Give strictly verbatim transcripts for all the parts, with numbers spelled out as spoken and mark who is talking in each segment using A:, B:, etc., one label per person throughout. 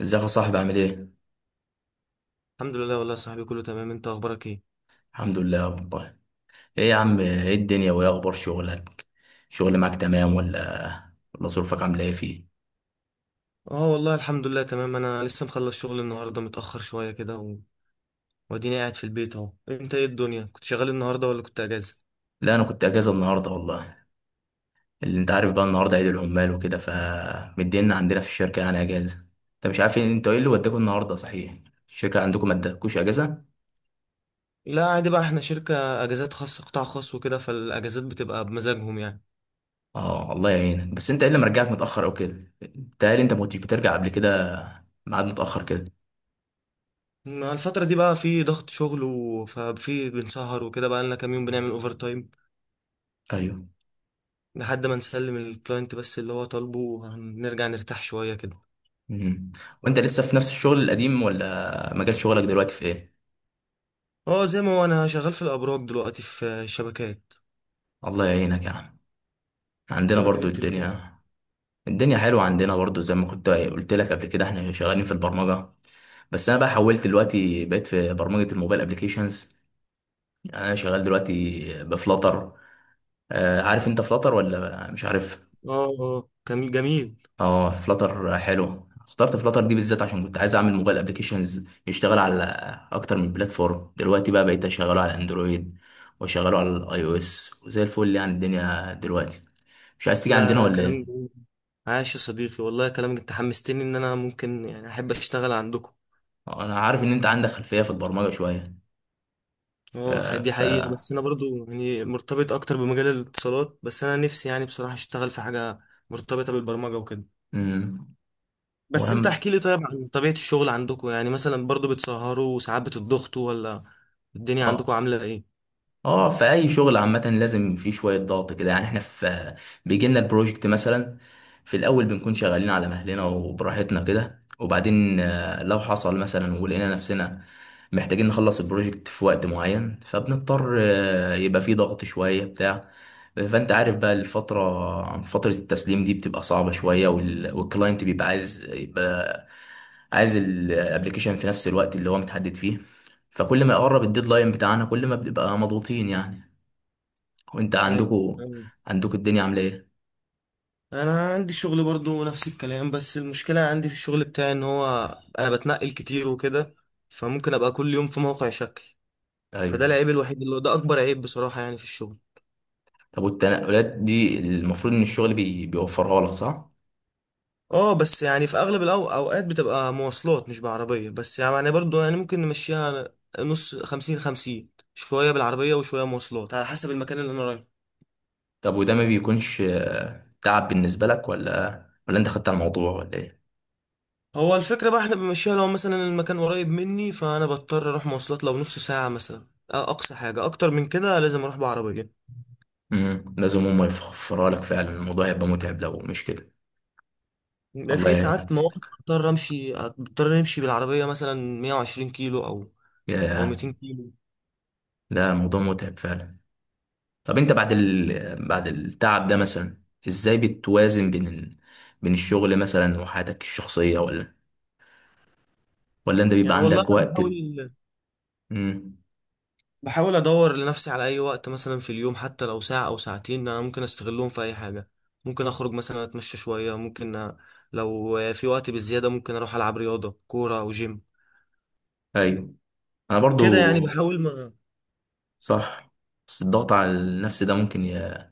A: ازيك يا صاحبي عامل ايه؟
B: الحمد لله والله يا صاحبي، كله تمام. انت اخبارك ايه؟
A: الحمد لله والله. ايه يا عم، ايه الدنيا وايه اخبار شغلك؟ شغل معاك تمام ولا ولا ظروفك عامله ايه فيه؟
B: اه والله الحمد لله تمام. انا لسه مخلص شغل النهارده متاخر شويه كده و... واديني قاعد في البيت اهو. انت ايه الدنيا؟ كنت شغال النهارده ولا كنت اجازه؟
A: لا انا كنت اجازه النهارده والله. اللي انت عارف بقى النهارده عيد العمال وكده، فمدينا عندنا في الشركه يعني اجازه. انت مش عارف إيه- انت ايه اللي وداكوا النهارده صحيح؟ الشركه عندكم ما ادتكوش اجازه؟
B: لا عادي بقى، احنا شركه اجازات خاصه، قطاع خاص وكده، فالاجازات بتبقى بمزاجهم يعني.
A: اه، الله يعينك. بس انت ايه اللي مرجعك متاخر او كده؟ بتهيألي انت ما كنتش بترجع قبل كده، ميعاد متاخر كده.
B: ما الفتره دي بقى في ضغط شغل، و... ففي بنسهر وكده، بقى لنا كام يوم بنعمل اوفر تايم
A: ايوه.
B: لحد ما نسلم الكلاينت بس اللي هو طالبه، ونرجع نرتاح شويه كده.
A: مم. وانت لسه في نفس الشغل القديم ولا مجال شغلك دلوقتي في ايه؟
B: اه زي ما هو، انا شغال في الابراج دلوقتي، في شبكات،
A: الله يعينك يا عم. عندنا
B: شبكات
A: برضو
B: التليفون.
A: الدنيا. الدنيا حلوة عندنا برضو، زي ما كنت قلت لك قبل كده احنا شغالين في البرمجة. بس انا بقى حولت دلوقتي، بقيت في برمجة الموبايل ابليكيشنز، يعني انا شغال دلوقتي بفلاتر. آه، عارف انت فلاتر ولا مش عارف؟
B: اه آه، كان جميل.
A: اه، فلاتر حلو. اخترت فلاتر دي بالذات عشان كنت عايز اعمل موبايل ابليكيشنز يشتغل على اكتر من بلاتفورم. دلوقتي بقى بقيت اشغله على اندرويد واشغله على الاي او اس، وزي الفل يعني الدنيا دلوقتي. مش عايز تيجي
B: لا
A: عندنا
B: لا،
A: ولا
B: كلام
A: ايه؟
B: جميل. عاش يا صديقي والله، كلامك انت حمستني ان انا ممكن يعني احب اشتغل عندكم.
A: انا عارف ان انت عندك خلفية في البرمجة شوية.
B: اه ح-
A: آه،
B: دي
A: ف
B: حقيقة، بس انا برضو يعني مرتبط اكتر بمجال الاتصالات، بس انا نفسي يعني بصراحة اشتغل في حاجة مرتبطة بالبرمجة وكده.
A: امم
B: بس انت
A: وهم،
B: احكي لي طيب عن طبيعة الشغل عندكم، يعني مثلا برضو بتسهروا وساعات بتضغطوا، ولا الدنيا
A: اه،
B: عندكم عاملة ايه؟
A: اه، في اي شغل عامه لازم في شويه ضغط كده، يعني احنا في، بيجي لنا البروجكت مثلا. في الاول بنكون شغالين على مهلنا وبراحتنا كده، وبعدين آه، لو حصل مثلا ولقينا نفسنا محتاجين نخلص البروجكت في وقت معين، فبنضطر، آه، يبقى في ضغط شويه بتاع. فانت عارف بقى الفتره فتره التسليم دي بتبقى صعبه شويه، وال- والكلاينت بيبقى عايز، يبقى عايز الابلكيشن في نفس الوقت اللي هو متحدد فيه. فكل ما يقرب الديدلاين بتاعنا كل ما بنبقى مضغوطين يعني. وانت
B: ايوه،
A: عندكوا عندكوا الدنيا عامله ايه؟
B: انا عندي شغل برضو نفس الكلام، بس المشكله عندي في الشغل بتاعي ان هو انا بتنقل كتير وكده، فممكن ابقى كل يوم في موقع شكل. فده
A: طيب.
B: العيب الوحيد، اللي هو ده اكبر عيب بصراحه يعني في الشغل.
A: طب والتنقلات دي المفروض ان الشغل بي... بيوفرها لك صح؟
B: اه بس يعني، في اغلب الأو- اوقات بتبقى مواصلات مش بعربيه، بس يعني برضو يعني ممكن نمشيها نص، خمسين خمسين، شويه بالعربيه وشويه مواصلات على حسب المكان اللي انا رايحه.
A: طب وده ما بيكونش آه، تعب بالنسبه لك، ولا ولا انت خدت على الموضوع ولا ايه؟
B: هو الفكره بقى احنا بنمشيها، لو مثلا المكان قريب مني فانا بضطر اروح مواصلات، لو نص ساعه مثلا. أ- أقصى حاجة، أكتر من كده لازم أروح بعربية.
A: امم لازم هم يوفرها لك فعلا، الموضوع هيبقى متعب لو مش كده. الله
B: في
A: يعينك يا
B: ساعات مواقف
A: صديقي.
B: بضطر امشي بضطر نمشي بالعربيه مثلا مائة وعشرين كيلو او او
A: يا
B: ميتين كيلو.
A: لا، الموضوع متعب فعلا. طب انت بعد ال... بعد التعب ده مثلا، ازاي بتوازن بين ال... بين الشغل مثلا وحياتك الشخصيه، ولا ولا انت بيبقى
B: يعني والله
A: عندك
B: انا
A: وقت؟
B: بحاول
A: امم.
B: بحاول ادور لنفسي على اي وقت مثلا في اليوم، حتى لو ساعه او ساعتين انا ممكن استغلهم في اي حاجه. ممكن اخرج مثلا اتمشى شويه، ممكن أ- لو في وقت بالزياده ممكن اروح العب رياضه، كوره او جيم
A: ايوه، انا برضو.
B: كده يعني. بحاول ما.
A: صح. بس الضغط على النفس ده ممكن ي...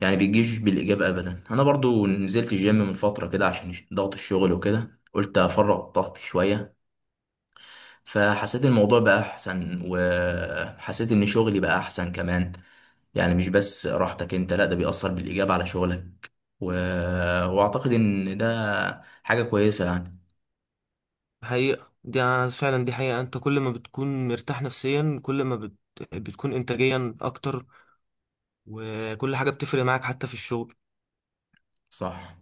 A: يعني بيجيش بالاجابه ابدا. انا برضو نزلت الجيم من فتره كده عشان ضغط الشغل وكده، قلت افرغ طاقتي شويه. فحسيت الموضوع بقى احسن، وحسيت ان شغلي بقى احسن كمان. يعني مش بس راحتك انت، لا ده بيأثر بالاجابه على شغلك. و... واعتقد ان ده حاجه كويسه يعني.
B: حقيقه، دي انا فعلا دي حقيقه، انت كل ما بتكون مرتاح نفسيا كل ما بت... بتكون انتاجيا اكتر، وكل حاجه بتفرق معاك حتى في الشغل.
A: صح.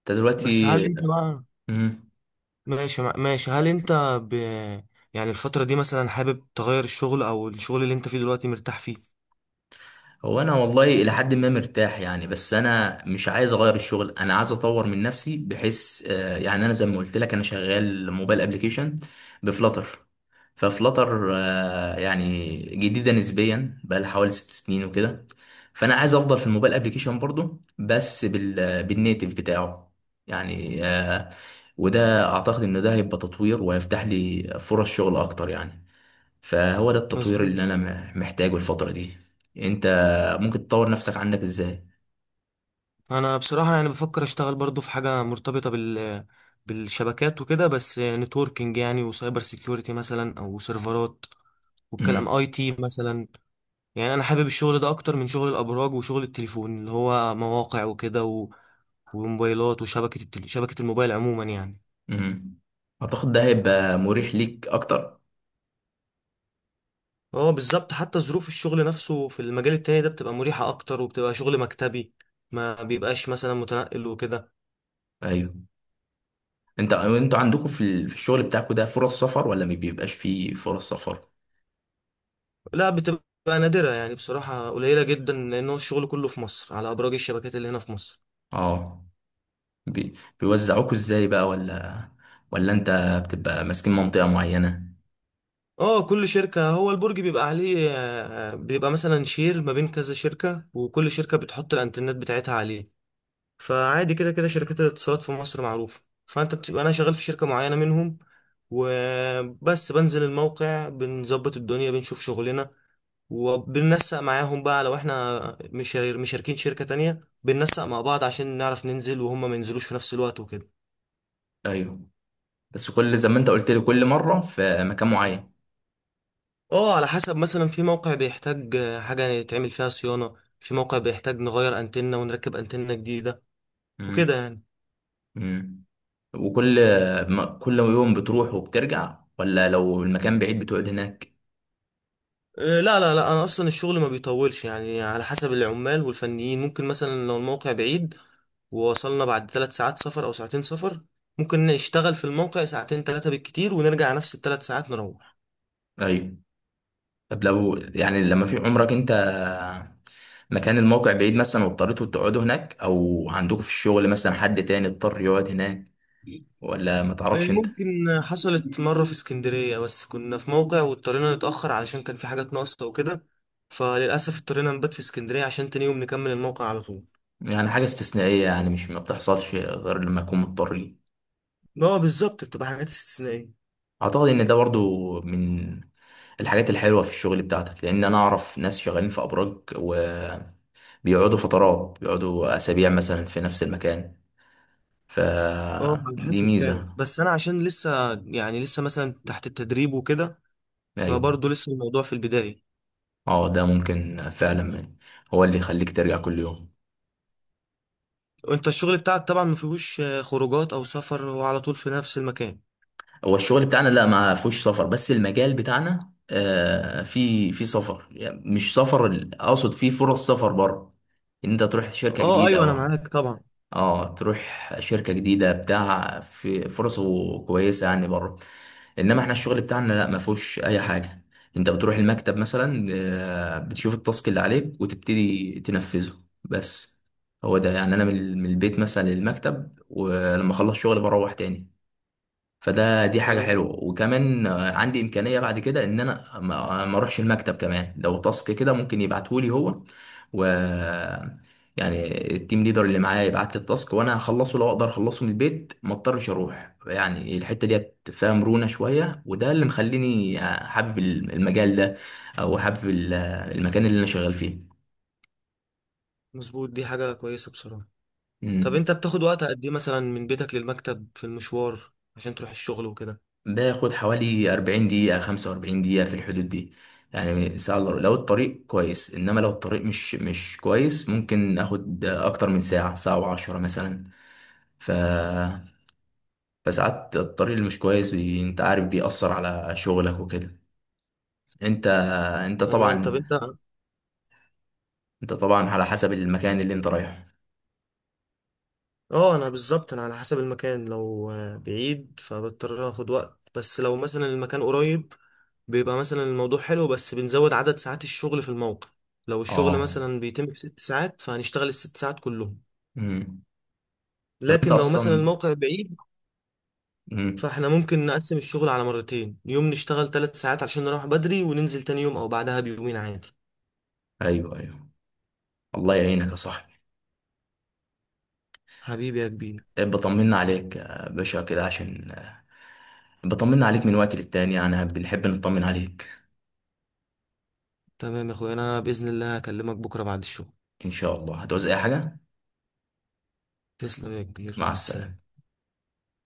A: انت
B: بس
A: دلوقتي.
B: هل انت بقى
A: مم.
B: ماشي، مع- ماشي هل انت ب... يعني الفترة دي مثلا حابب تغير الشغل، او الشغل اللي انت فيه دلوقتي مرتاح فيه؟
A: هو انا والله الى حد ما مرتاح يعني، بس انا مش عايز اغير الشغل. انا عايز اطور من نفسي، بحيث آه، يعني انا زي ما قلت لك انا شغال موبايل ابلكيشن بفلاتر. ففلاتر آه، يعني جديده نسبيا، بقى لها حوالي ست سنين وكده. فانا عايز افضل في الموبايل ابلكيشن برضو، بس بال بالنيتف بتاعه يعني، آه، وده اعتقد ان ده هيبقى تطوير وهيفتح لي فرص شغل اكتر يعني. فهو ده التطوير
B: مظبوط.
A: اللي انا م- محتاجه الفترة دي. انت ممكن تطور نفسك عندك ازاي؟
B: انا بصراحة يعني بفكر اشتغل برضو في حاجة مرتبطة بال بالشبكات وكده، بس نتوركينج يعني، وسايبر سيكيورتي مثلا، او سيرفرات والكلام،
A: امم،
B: اي تي مثلا. يعني انا حابب الشغل ده اكتر من شغل الابراج وشغل التليفون اللي هو مواقع وكده، و... وموبايلات وشبكة التل... شبكة الموبايل عموما يعني.
A: امم، اعتقد ده هيبقى مريح ليك اكتر.
B: اه بالظبط، حتى ظروف الشغل نفسه في المجال التاني ده بتبقى مريحة اكتر، وبتبقى شغل مكتبي، ما بيبقاش مثلا متنقل وكده.
A: ايوه. انت انتوا عندكم في ال- في الشغل بتاعكم ده فرص سفر، ولا ما بيبقاش فيه فرص سفر؟
B: لا بتبقى نادرة يعني بصراحة، قليلة جدا، لان هو الشغل كله في مصر على ابراج الشبكات اللي هنا في مصر.
A: اه. بي- بيوزعوكوا ازاي بقى، ولا ولا انت بتبقى ماسكين منطقة معينة؟
B: اه كل شركة، هو البرج بيبقى عليه، آه، بيبقى مثلا شير ما بين كذا شركة، وكل شركة بتحط الانترنت بتاعتها عليه، فعادي كده كده. شركات الاتصالات في مصر معروفة، فانت بتبقى، انا شغال في شركة معينة منهم وبس، بنزل الموقع بنظبط الدنيا بنشوف شغلنا، وبننسق معاهم بقى لو احنا مش مشاركين شركة تانية، بننسق مع بعض عشان نعرف ننزل وهم ما ينزلوش في نفس الوقت وكده.
A: ايوه، بس كل زي ما انت قلت لي كل مرة في مكان معين.
B: اه على حسب، مثلا في موقع بيحتاج آه، حاجة يتعمل فيها صيانة، في موقع بيحتاج نغير انتنة ونركب انتنة جديدة وكده يعني.
A: امم. وكل ما كل يوم بتروح وبترجع، ولا لو المكان بعيد بتقعد هناك؟
B: آه، لا لا لا، انا اصلا الشغل ما بيطولش يعني، على حسب العمال والفنيين. ممكن مثلا لو الموقع بعيد ووصلنا بعد ثلاث ساعات سفر او ساعتين سفر، ممكن نشتغل في الموقع ساعتين، ثلاثة بالكتير، ونرجع نفس الثلاث ساعات نروح.
A: ايوه. طب لو يعني، لما في عمرك انت مكان الموقع بعيد مثلا واضطريتوا تقعدوا هناك، او عندكم في الشغل مثلا حد تاني اضطر يقعد هناك، ولا ما
B: إيه،
A: تعرفش انت؟
B: ممكن. حصلت مرة في اسكندرية، بس كنا في موقع واضطرينا نتأخر علشان كان في حاجات ناقصة وكده، فللأسف اضطرينا نبات في اسكندرية عشان تاني يوم نكمل الموقع على طول.
A: يعني حاجة استثنائية يعني، مش ما بتحصلش غير لما يكون مضطرين.
B: اه بالظبط، بتبقى حاجات استثنائية.
A: اعتقد ان ده برضو من الحاجات الحلوة في الشغل بتاعتك، لان انا اعرف ناس شغالين في ابراج وبيقعدوا فترات، بيقعدوا اسابيع مثلا في نفس المكان.
B: اه على
A: فدي
B: حسب فعلا،
A: ميزة.
B: بس أنا عشان لسه يعني، لسه مثلا تحت التدريب وكده،
A: ايوه.
B: فبرضه لسه الموضوع في البداية.
A: اه، ده ممكن فعلا هو اللي يخليك ترجع كل يوم.
B: وانت الشغل بتاعك طبعا مفيهوش آه، خروجات أو سفر، هو على طول في نفس المكان.
A: هو الشغل بتاعنا لا، ما فيهوش سفر، بس المجال بتاعنا آه في في سفر. يعني مش سفر، ال- اقصد فيه فرص سفر بره، ان انت تروح شركة
B: اه
A: جديدة،
B: أيوه أنا
A: او
B: معاك طبعا.
A: اه تروح شركة جديدة. بتاع في فرصه كويسة يعني بره. انما احنا الشغل بتاعنا لا، ما فيهوش اي حاجة. انت بتروح المكتب مثلا، آه، بتشوف التاسك اللي عليك وتبتدي تنفذه بس. هو ده يعني، انا من من البيت مثلا للمكتب، ولما اخلص شغل بروح تاني. فده، دي حاجة
B: تمام.
A: حلوة. وكمان آه، عندي إمكانية بعد كده إن أنا ما ما أروحش المكتب كمان، لو تاسك كده ممكن يبعتهولي هو. و يعني التيم ليدر اللي معايا يبعت لي التاسك، وأنا هخلصه. لو أقدر أخلصه من البيت ما أضطرش أروح يعني. الحتة ديت فيها مرونة شوية، وده اللي مخليني آه، حابب المجال ده، أو حابب ال- المكان اللي أنا شغال فيه.
B: مظبوط، دي حاجة كويسة بصراحة. طب
A: مم.
B: انت بتاخد وقت قد ايه مثلا من بيتك للمكتب في المشوار عشان تروح الشغل وكده؟
A: باخد حوالي اربعين دقيقة، خمسة واربعين دقيقة في الحدود دي، يعني ساعة إلا ربع. لو الطريق كويس، انما لو الطريق مش مش كويس ممكن اخد اكتر من ساعة، ساعة وعشرة مثلا. ف فساعات الطريق اللي مش كويس بي... انت عارف بيأثر على شغلك وكده. انت انت
B: تمام، طب
A: طبعا
B: انت.
A: انت طبعا على حسب المكان اللي انت رايحه.
B: اه انا بالظبط، انا على حسب المكان، لو آه، بعيد فبضطر اخد وقت، بس لو مثلا المكان قريب بيبقى مثلا الموضوع حلو، بس بنزود عدد ساعات الشغل في الموقع. لو الشغل
A: اه.
B: مثلا بيتم في ست ساعات فهنشتغل الست ساعات كلهم.
A: امم. طب انت
B: لكن لو مثلا
A: اصلا
B: الموقع بعيد،
A: امم.
B: فاحنا ممكن نقسم الشغل على مرتين، يوم نشتغل ثلاث ساعات عشان نروح بدري، وننزل تاني يوم او بعدها بيومين عادي.
A: ايوه، ايوه، الله يعينك يا صاحبي.
B: حبيبي يا كبير.
A: إيه، بطمنا عليك يا باشا كده، عشان بطمن عليك من وقت للتاني يعني، بنحب نطمن عليك.
B: تمام يا اخويا، انا باذن الله هكلمك بكره بعد الشغل.
A: ان شاء الله هتعوز اي حاجة.
B: تسلم يا كبير،
A: مع
B: مع السلامه.
A: السلامة.